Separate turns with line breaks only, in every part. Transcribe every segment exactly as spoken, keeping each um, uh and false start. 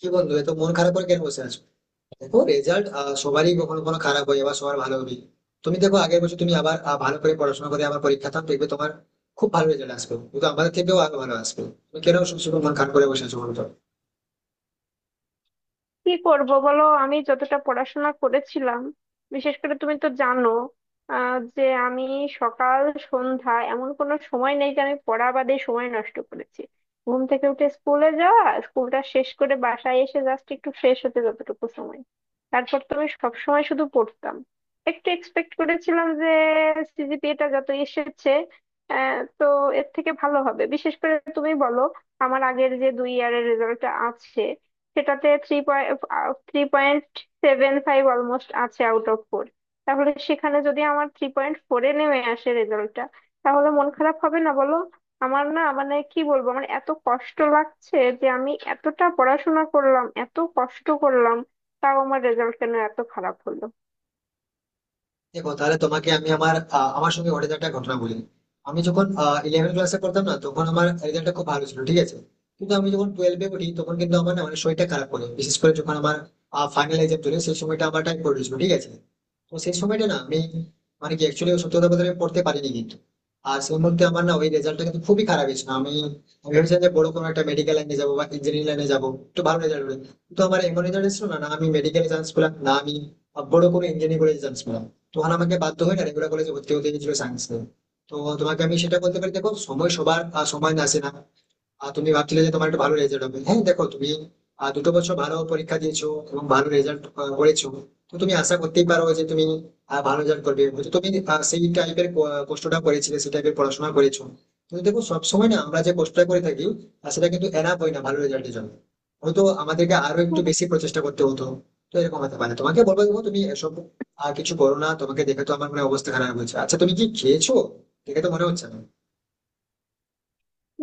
কি বন্ধু, এত মন খারাপ করে কেন বসে আছো? দেখো, রেজাল্ট সবারই কখনো কখনো খারাপ হয়, আবার সবার ভালো হবে। তুমি দেখো, আগের বছর তুমি আবার আহ, ভালো করে পড়াশোনা করে আবার পরীক্ষা দাও, দেখবে তোমার খুব ভালো রেজাল্ট আসবে, কিন্তু আমাদের থেকেও আরো ভালো আসবে। তুমি কেন সবসময় মন খারাপ করে বসে আছো বলো তো?
কি করব বলো? আমি যতটা পড়াশোনা করেছিলাম, বিশেষ করে তুমি তো জানো আহ, যে আমি সকাল সন্ধ্যা এমন কোনো সময় নেই যে আমি পড়া বাদে সময় নষ্ট করেছি। ঘুম থেকে উঠে স্কুলে যাওয়া, স্কুলটা শেষ করে বাসায় এসে জাস্ট একটু ফ্রেশ হতে যতটুকু সময়, তারপর তো আমি সবসময় শুধু পড়তাম। একটু এক্সপেক্ট করেছিলাম যে সিজিপিএটা যত এসেছে, আহ, তো এর থেকে ভালো হবে। বিশেষ করে তুমি বলো, আমার আগের যে দুই ইয়ারের রেজাল্টটা আছে, সেটাতে three point three point seven five almost আছে আউট অফ ফোর। তাহলে সেখানে যদি আমার থ্রি পয়েন্ট ফোরে নেমে আসে রেজাল্টটা, তাহলে মন খারাপ হবে না বলো? আমার না, মানে কি বলবো, আমার এত কষ্ট লাগছে যে আমি এতটা পড়াশোনা করলাম, এত কষ্ট করলাম, তাও আমার রেজাল্ট কেন এত খারাপ হলো?
দেখো, তাহলে তোমাকে আমি আমার আহ, আমার সঙ্গে ঘটে যাওয়া একটা ঘটনা বলি। আমি যখন ইলেভেন ক্লাসে পড়তাম না, তখন আমার রেজাল্টটা খুব ভালো ছিল, ঠিক আছে? কিন্তু আমি যখন টুয়েলভে উঠি, তখন কিন্তু আমার না অনেক শরীরটা খারাপ করে, বিশেষ করে যখন আমার ফাইনাল এক্সাম চলে, সেই সময়টা আমার টাইম পড়েছিল, ঠিক আছে? তো সেই সময়টা না আমি মানে কি, অ্যাকচুয়ালি সত্যি কথা বলতে আমি পড়তে পারিনি, কিন্তু আর সেই মধ্যে আমার না ওই রেজাল্টটা কিন্তু খুবই খারাপ হয়েছিল। আমি আমি ভেবেছিলাম যে বড় কোনো একটা মেডিকেল লাইনে যাবো বা ইঞ্জিনিয়ারিং লাইনে যাবো একটু ভালো রেজাল্ট হলে, কিন্তু আমার এমন রেজাল্ট ছিল না না আমি মেডিকেলে চান্স পেলাম, না আমি আহ, বড় কোনো ইঞ্জিনিয়ারিং কলেজে চান্স পেলাম। তখন আমাকে বাধ্য হয়ে না রেগুলার কলেজে ভর্তি হতে গেছিল সায়েন্স নিয়ে। তো তোমাকে আমি সেটা বলতে পারি, দেখো সময় সবার আহ, সমান আসে না। আর তুমি ভাবছিলে যে তোমার একটা ভালো রেজাল্ট হবে, হ্যাঁ দেখো তুমি আহ, দুটো বছর ভালো পরীক্ষা দিয়েছো এবং ভালো রেজাল্ট করেছো। তো তুমি আশা করতেই পারো যে তুমি আহ, ভালো রেজাল্ট করবে। হয়তো তুমি আহ, সেই টাইপের কষ্টটা করেছিলে, সেই টাইপের পড়াশোনা করেছো, কিন্তু দেখো সবসময় না আমরা যে কষ্টটা করে থাকি আর সেটা কিন্তু এনাফ হয় না ভালো রেজাল্টের জন্য। হয়তো আমাদেরকে আরো একটু বেশি প্রচেষ্টা করতে হতো। তো এরকম হতে পারে। তোমাকে বলবো, দেখো তুমি এসব আর কিছু করো না, তোমাকে দেখে তো আমার মনে হয় অবস্থা খারাপ হয়েছে। আচ্ছা তুমি কি খেয়েছো? দেখে তো মনে হচ্ছে না।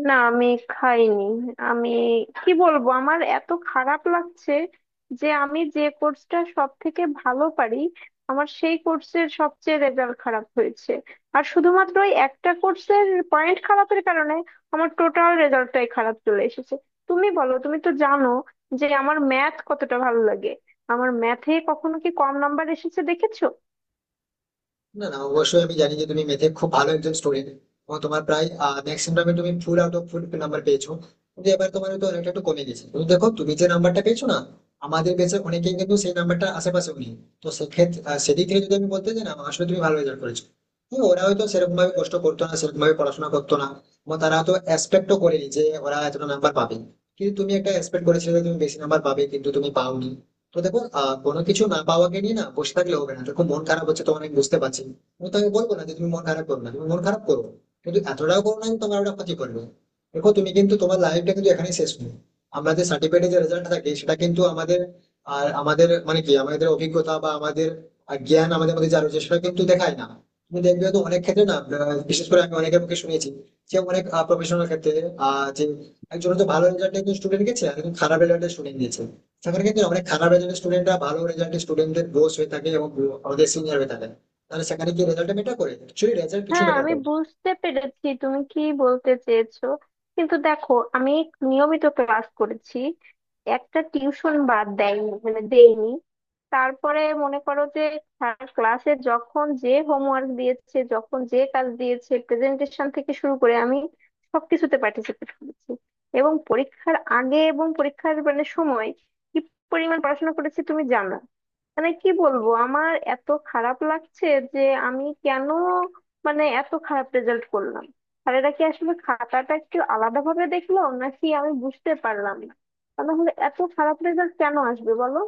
না, আমি খাইনি। আমি কি বলবো, আমার এত খারাপ লাগছে যে আমি যে কোর্সটা সব থেকে ভালো পারি, আমার সেই কোর্সের সবচেয়ে রেজাল্ট খারাপ হয়েছে। আর শুধুমাত্র ওই একটা কোর্সের পয়েন্ট খারাপের কারণে আমার টোটাল রেজাল্টটাই খারাপ চলে এসেছে। তুমি বলো, তুমি তো জানো যে আমার ম্যাথ কতটা ভালো লাগে। আমার ম্যাথে কখনো কি কম নাম্বার এসেছে দেখেছো?
না না, অবশ্যই আমি জানি যে তুমি ম্যাথে খুব ভালো একজন স্টুডেন্ট, এবং তোমার প্রায় ম্যাক্সিমাম তুমি full out of full number পেয়েছো। কিন্তু এবার তোমার তো অনেকটা একটু কমে গেছে, কিন্তু দেখো তুমি যে নাম্বারটা পেয়েছো না, আমাদের বেঁচে অনেকেই কিন্তু সেই নাম্বারটা আশেপাশেও নেই। তো সেক্ষেত্রে আহ, সেদিক থেকে যদি আমি বলতে যাই না, আসলে তুমি ভালো রেজাল্ট করেছো। হ্যাঁ, ওরা হয়তো সেরকম ভাবে কষ্ট করতো না, সেরকম ভাবে পড়াশোনা করতো না, এবং তারা তো এক্সপেক্টও করেনি যে ওরা এতটা নাম্বার পাবে। কিন্তু তুমি একটা এক্সপেক্ট করেছিলে যে তুমি বেশি নাম্বার পাবে, কিন্তু তুমি পাওনি। তো দেখো আহ কোনো কিছু না পাওয়াকে নিয়ে না বসে থাকলে হবে না। দেখো মন খারাপ হচ্ছে তোমার, আমি বুঝতে পারছি। আমি তোমাকে বলবো না যে তুমি মন খারাপ করো না, তুমি মন খারাপ করো, কিন্তু এতটাও করো না যে তোমার ওটা ক্ষতি করবে। দেখো তুমি কিন্তু, তোমার লাইফটা কিন্তু এখানেই শেষ নেই। আমাদের সার্টিফিকেটে যে রেজাল্ট থাকে সেটা কিন্তু আমাদের আর আমাদের মানে কি, আমাদের অভিজ্ঞতা বা আমাদের আহ, জ্ঞান আমাদের মধ্যে যা রয়েছে সেটা কিন্তু দেখায় না। তুমি দেখবে তো অনেক ক্ষেত্রে না, আহ, বিশেষ করে আমি অনেকের মুখে শুনেছি যে অনেক প্রফেশনাল ক্ষেত্রে আহ যে একজন তো ভালো রেজাল্ট একজন স্টুডেন্ট গেছে, আর একজন খারাপ রেজাল্টে স্টুডেন্ট দিয়েছে, সেখানে কিন্তু অনেক খারাপ রেজাল্টের স্টুডেন্টরা ভালো রেজাল্টের স্টুডেন্টদের বস হয়ে থাকে এবং আমাদের সিনিয়র হয়ে থাকে। তাহলে সেখানে কি রেজাল্টটা মেটার করে? অ্যাকচুয়ালি রেজাল্ট কিছু
হ্যাঁ,
মেটার
আমি
করে?
বুঝতে পেরেছি তুমি কি বলতে চেয়েছো, কিন্তু দেখো, আমি নিয়মিত ক্লাস করেছি, একটা টিউশন বাদ দেয়নি, মানে দেইনি। তারপরে মনে করো যে স্যার ক্লাসে যখন যে হোমওয়ার্ক দিয়েছে, যখন যে কাজ দিয়েছে, প্রেজেন্টেশন থেকে শুরু করে আমি সবকিছুতে পার্টিসিপেট করেছি। এবং পরীক্ষার আগে এবং পরীক্ষার মানে সময় কি পরিমাণ পড়াশোনা করেছি তুমি জানো। মানে কি বলবো, আমার এত খারাপ লাগছে যে আমি কেন মানে এত খারাপ রেজাল্ট করলাম? আর এটা কি আসলে খাতাটা একটু আলাদা ভাবে দেখলো নাকি, আমি বুঝতে পারলাম না। তা নাহলে এত খারাপ রেজাল্ট কেন আসবে বলো?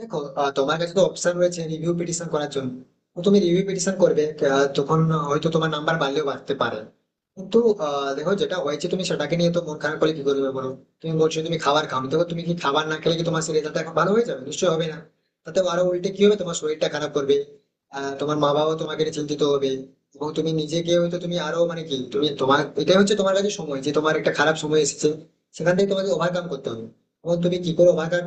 দেখো আহ, তোমার কাছে তো অপশন রয়েছে রিভিউ পিটিশন করার জন্য। তো তুমি রিভিউ পিটিশন করবে, আহ, তখন হয়তো তোমার নাম্বার বাড়লেও বাড়তে পারে। কিন্তু আহ, দেখো যেটা হয়েছে তুমি সেটাকে নিয়ে তো মন খারাপ করে কি করবে বলো? তুমি বলছো তুমি খাবার খাও, দেখো তুমি কি খাবার না খেলে কি তোমার সেই রেজাল্ট এখন ভালো হয়ে যাবে? নিশ্চয়ই হবে না। তাতে আরো উল্টে কি হবে, তোমার শরীরটা খারাপ করবে, আহ, তোমার মা বাবাও তোমাকে নিয়ে চিন্তিত হবে, এবং তুমি নিজেকে হয়তো তুমি আরো মানে কি, তুমি তোমার এটাই হচ্ছে তোমার কাছে সময়, যে তোমার একটা খারাপ সময় এসেছে, সেখান থেকে তোমাকে ওভারকাম করতে হবে। এবং তুমি কি করে ওভারকাম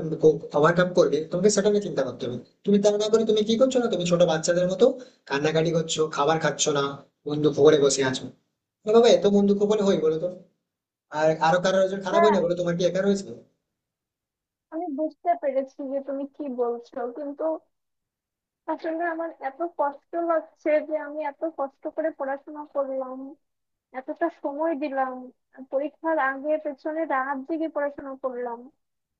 ওভারকাম করবে, তোমাকে সেটা নিয়ে চিন্তা করতে হবে। তুমি তা না করে তুমি কি করছো না, তুমি ছোট বাচ্চাদের মতো কান্নাকাটি করছো, খাবার খাচ্ছ না, বন্ধু খবরে বসে আছো। আরে বাবা, এত বন্ধু খবরে হয় বলো তো? আর আরো কারোর একজন খারাপ হয়
হ্যাঁ,
না বলো, তোমার কি একা রয়েছে?
আমি বুঝতে পেরেছি যে তুমি কি বলছো, কিন্তু আসলে আমার এত কষ্ট লাগছে যে আমি এত কষ্ট করে পড়াশোনা করলাম, এতটা সময় দিলাম, পরীক্ষার আগে পেছনে রাত জেগে পড়াশোনা করলাম।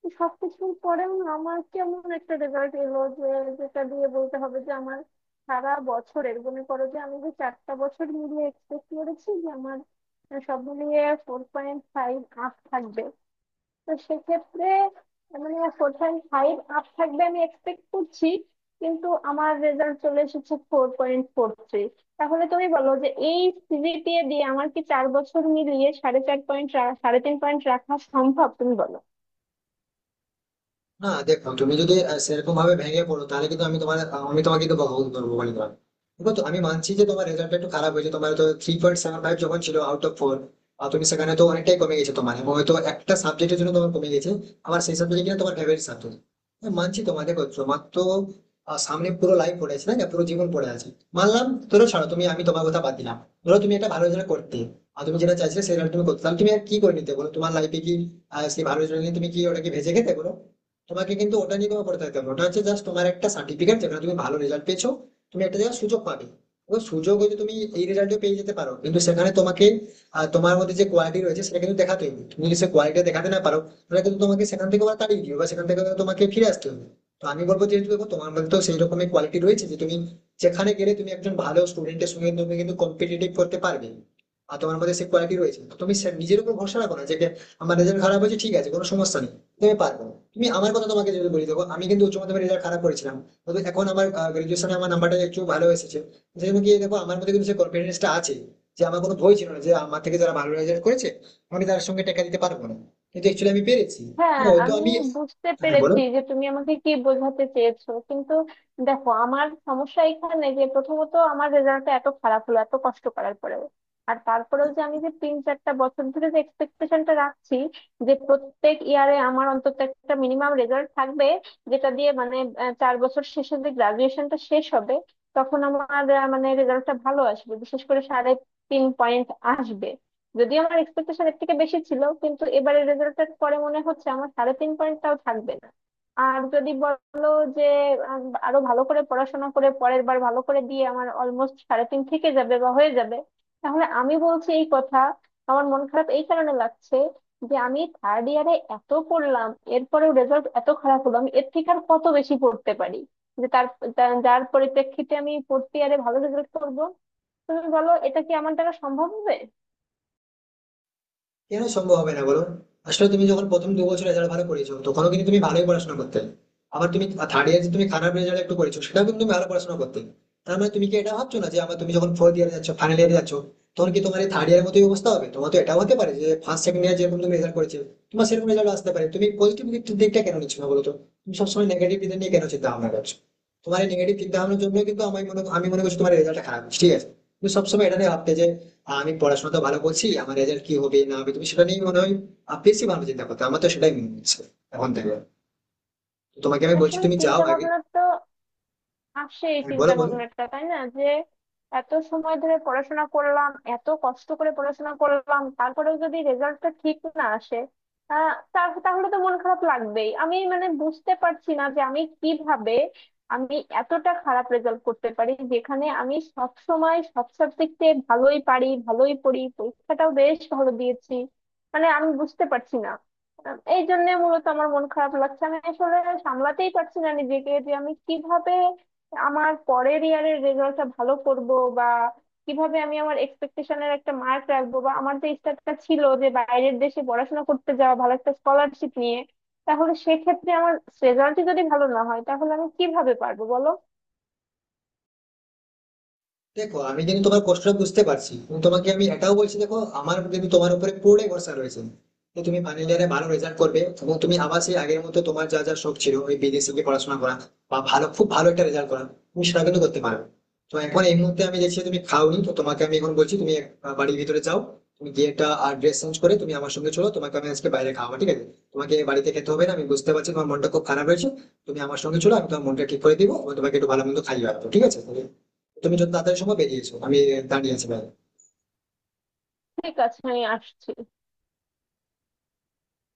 তো সবকিছুর পরেও আমার কেমন একটা রেজাল্ট এলো যে, যেটা দিয়ে বলতে হবে যে আমার সারা বছরের, মনে করো যে আমি যে চারটা বছর মিলিয়ে এক্সপেক্ট করেছি যে আমার সব মিলিয়ে ফোর পয়েন্ট ফাইভ আপ থাকবে। তো সেক্ষেত্রে মানে ফোর পয়েন্ট ফাইভ আপ থাকবে আমি এক্সপেক্ট করছি, কিন্তু আমার রেজাল্ট চলে এসেছে ফোর পয়েন্ট ফোর থ্রি। তাহলে তুমি বলো যে এই সিজিপিএ দিয়ে আমার কি চার বছর মিলিয়ে সাড়ে চার পয়েন্ট, সাড়ে তিন পয়েন্ট রাখা সম্ভব? তুমি বলো।
না দেখো, তুমি যদি আহ, সেরকম ভাবে ভেঙে পড়ো, তাহলে কিন্তু আমি তোমার আহ, আমি তোমাকে কিন্তু বকাবকি করবো বলে দিলাম। দেখো তো, আমি মানছি যে তোমার রেজাল্ট একটু খারাপ হয়েছে, তোমার তো থ্রি পয়েন্ট সেভেন ফাইভ যখন ছিল আউট অফ ফোর, আর তুমি সেখানে তো অনেকটাই কমে গেছে তোমার, এবং হয়তো একটা সাবজেক্টের জন্য তোমার কমে গেছে, আমার সেই সাবজেক্টে কিনা তোমার ফেভারিট সাবজেক্ট। মানছি তোমার, দেখো তোমার তো আহ, সামনে পুরো লাইফ পড়ে আছে, তাই না? পুরো জীবন পড়ে আছে। মানলাম, ধরো ছাড়ো তুমি, আমি তোমার কথা বাদ দিলাম। ধরো তুমি একটা ভালো রেজাল্ট করতে, আর তুমি যেটা চাইছিলে সেটা তুমি করতে, তাহলে তুমি আর কি করে নিতে বলো তোমার লাইফে? কি আহ, সেই ভালো রেজাল্ট নিয়ে তুমি কি ওটাকে ভেজে খেতে বলো? তোমাকে কিন্তু ওটা নিয়ে কোনো পড়ে থাকতে হবে না। ওটা হচ্ছে জাস্ট তোমার একটা সার্টিফিকেট যেখানে তুমি ভালো রেজাল্ট পেয়েছো। তুমি একটা জায়গায় সুযোগ পাবে। ওই সুযোগ হয়তো তুমি এই রেজাল্টে পেয়ে যেতে পারো, কিন্তু সেখানে তোমাকে আহ, তোমার মধ্যে যে কোয়ালিটি রয়েছে সেটা কিন্তু দেখাতে হবে। তুমি যদি সে কোয়ালিটি দেখাতে না পারো, তাহলে কিন্তু তোমাকে সেখান থেকে আবার তাড়িয়ে দিবে, বা সেখান থেকে তোমাকে ফিরে আসতে হবে। তো আমি বলবো, যেহেতু দেখো তোমার মধ্যে তো সেই রকমের কোয়ালিটি রয়েছে যে তুমি যেখানে গেলে তুমি একজন ভালো স্টুডেন্টের সঙ্গে তুমি কিন্তু কম্পিটিটিভ করতে পারবে, আর তোমার মধ্যে সেই কোয়ালিটি রয়েছে, তো তুমি সে- নিজের উপর ভরসা রাখো। না যে আমার রেজাল্ট খারাপ হয়েছে, ঠিক আছে কোনো সমস্যা নেই, তুমি পারবে। তুমি আমার কথা তোমাকে যদি বলি, দেখো আমি কিন্তু উচ্চ মাধ্যমিক রেজাল্ট খারাপ করেছিলাম, তবে এখন আমার গ্রাজুয়েশনে আমার নাম্বারটা একটু ভালো এসেছে। সেই জন্য গিয়ে দেখো, আমার মধ্যে কিন্তু সেই কনফিডেন্সটা আছে, যে আমার কোনো ভয় ছিল না যে আমার থেকে যারা ভালো রেজাল্ট করেছে আমি তার সঙ্গে টেকা দিতে পারবো না, কিন্তু অ্যাকচুয়ালি আমি পেরেছি। তো
হ্যাঁ,
হয়তো
আমি
আমি
বুঝতে
হ্যাঁ বলো।
পেরেছি যে তুমি আমাকে কি বোঝাতে চেয়েছো, কিন্তু দেখো, আমার সমস্যা এখানে যে প্রথমত আমার রেজাল্টটা এত খারাপ হলো এত কষ্ট করার পরেও। আর তারপরেও যে আমি যে তিন চারটা বছর ধরে যে এক্সপেকটেশনটা রাখছি, যে প্রত্যেক ইয়ারে আমার অন্তত একটা মিনিমাম রেজাল্ট থাকবে, যেটা দিয়ে মানে আহ, চার বছর শেষে যে গ্রাজুয়েশনটা শেষ হবে তখন আমার আহ, মানে রেজাল্টটা ভালো আসবে, বিশেষ করে সাড়ে তিন পয়েন্ট আসবে। যদিও আমার এক্সপেকটেশন এর থেকে বেশি ছিল, কিন্তু এবারের রেজাল্টের পরে মনে হচ্ছে আমার সাড়ে তিন পয়েন্টটাও থাকবে না। আর যদি বলো যে আম, আরো ভালো করে পড়াশোনা করে পরের বার ভালো করে দিয়ে আমার অলমোস্ট সাড়ে তিন থেকে যাবে বা হয়ে যাবে, তাহলে আমি বলছি এই কথা, আমার মন খারাপ এই কারণে লাগছে যে আমি থার্ড ইয়ারে এত পড়লাম, এরপরেও রেজাল্ট এত খারাপ হলো। আমি এর থেকে আর কত বেশি পড়তে পারি যে তার তার- যার পরিপ্রেক্ষিতে আমি ফোর্থ ইয়ারে ভালো রেজাল্ট করবো? তুমি বলো, এটা কি আমার দ্বারা সম্ভব হবে?
কেন সম্ভব হবে না বলো? আসলে তুমি যখন প্রথম দু বছর রেজাল্ট ভালো করেছো, তখনও কিন্তু তুমি ভালোই পড়াশোনা করতে। আবার তুমি থার্ড ইয়ার তুমি খারাপ রেজাল্ট একটু করেছো, সেটাও কিন্তু তুমি ভালো পড়াশোনা করতে। তার মানে তুমি কি এটা ভাবছো না যে আমার তুমি যখন ফোর্থ ইয়ারে যাচ্ছ, ফাইনাল ইয়ারে যাচ্ছ, তখন কি তোমার এই থার্ড ইয়ারের মতোই অবস্থা হবে? তোমার তো এটাও হতে পারে যে ফার্স্ট সেকেন্ড ইয়ার যেরকম তুমি রেজাল্ট করেছো তোমার সেরকম রেজাল্ট আসতে পারে। তুমি পজিটিভ দিকটা কেন নিচ্ছ না বলো তো? তুমি সবসময় নেগেটিভ দিকটা নিয়ে কেন চিন্তা ভাবনা করছো? তোমার এই নেগেটিভ চিন্তা ভাবনার জন্য কিন্তু আমি মনে আমি মনে করছি তোমার রেজাল্টটা খারাপ হচ্ছে, ঠিক আছে? তুমি সবসময় এটা নিয়ে ভাবতে যে আহ, আমি পড়াশোনা তো ভালো করছি, আমার রেজাল্ট কি হবে না হবে তুমি সেটা নিয়ে মনে হয় আহ, বেশি ভালো চিন্তা করতে, আমার তো সেটাই মনে হচ্ছে এখন থেকে। তো তোমাকে আমি বলছি
আসলে
তুমি যাও
চিন্তা
আগে।
ভাবনা তো আসে, এই
হ্যাঁ, বলো
চিন্তা
বলো
ভাবনাটা তাই না, যে এত সময় ধরে পড়াশোনা করলাম, এত কষ্ট করে পড়াশোনা করলাম, তারপরেও যদি রেজাল্টটা ঠিক না আসে, আহ, তা- তাহলে তো মন খারাপ লাগবেই। আমি মানে বুঝতে পারছি না যে আমি কিভাবে আমি এতটা খারাপ রেজাল্ট করতে পারি, যেখানে আমি সব সময় সব সাবজেক্টে ভালোই পারি, ভালোই পড়ি, পরীক্ষাটাও বেশ ভালো দিয়েছি। মানে আমি বুঝতে পারছি না। আহ, এই জন্য মূলত আমার মন খারাপ লাগছে। আমি আসলে সামলাতেই পারছি না নিজেকে যে আমি কিভাবে আমার পরের ইয়ারের রেজাল্টটা ভালো করব, বা কিভাবে আমি আমার এক্সপেকটেশনের একটা মার্ক রাখবো, বা আমার যে ইচ্ছাটা ছিল যে বাইরের দেশে পড়াশোনা করতে যাওয়া ভালো একটা স্কলারশিপ নিয়ে, তাহলে সেক্ষেত্রে আমার রেজাল্টই যদি ভালো না হয় তাহলে আমি কিভাবে পারবো বলো?
দেখো আমি কিন্তু তোমার কষ্টটা বুঝতে পারছি, এবং তোমাকে আমি এটাও বলছি, দেখো আমার কিন্তু তোমার উপরে পুরোটাই ভরসা রয়েছে, যে তুমি ফাইনাল ইয়ারে ভালো রেজাল্ট করবে এবং তুমি আবার সেই আগের মতো তোমার যা যা শখ ছিল, ওই বিদেশে গিয়ে পড়াশোনা করা বা ভালো খুব ভালো একটা রেজাল্ট করা, তুমি সেটা কিন্তু করতে পারো। তো এখন এই মুহূর্তে আমি দেখছি তুমি খাওনি, তো তোমাকে আমি এখন বলছি তুমি আহ, বাড়ির ভিতরে যাও, তুমি গিয়ে একটা ড্রেস চেঞ্জ করে তুমি আমার সঙ্গে চলো, তোমাকে আমি আজকে বাইরে খাওয়া ঠিক আছে? তোমাকে বাড়িতে খেতে হবে না, আমি বুঝতে পারছি তোমার মনটা খুব খারাপ হয়েছে। তুমি আমার সঙ্গে চলো, আমি তোমার মনটা ঠিক করে দিবো এবং তোমাকে একটু ভালো মন্দ খাইয়ে রাখবো, ঠিক আছে? তুমি যত তাড়াতাড়ি সময় বেরিয়েছো, আমি দাঁড়িয়ে আছি ভাই।
ঠিক আছে, আমি আসছি।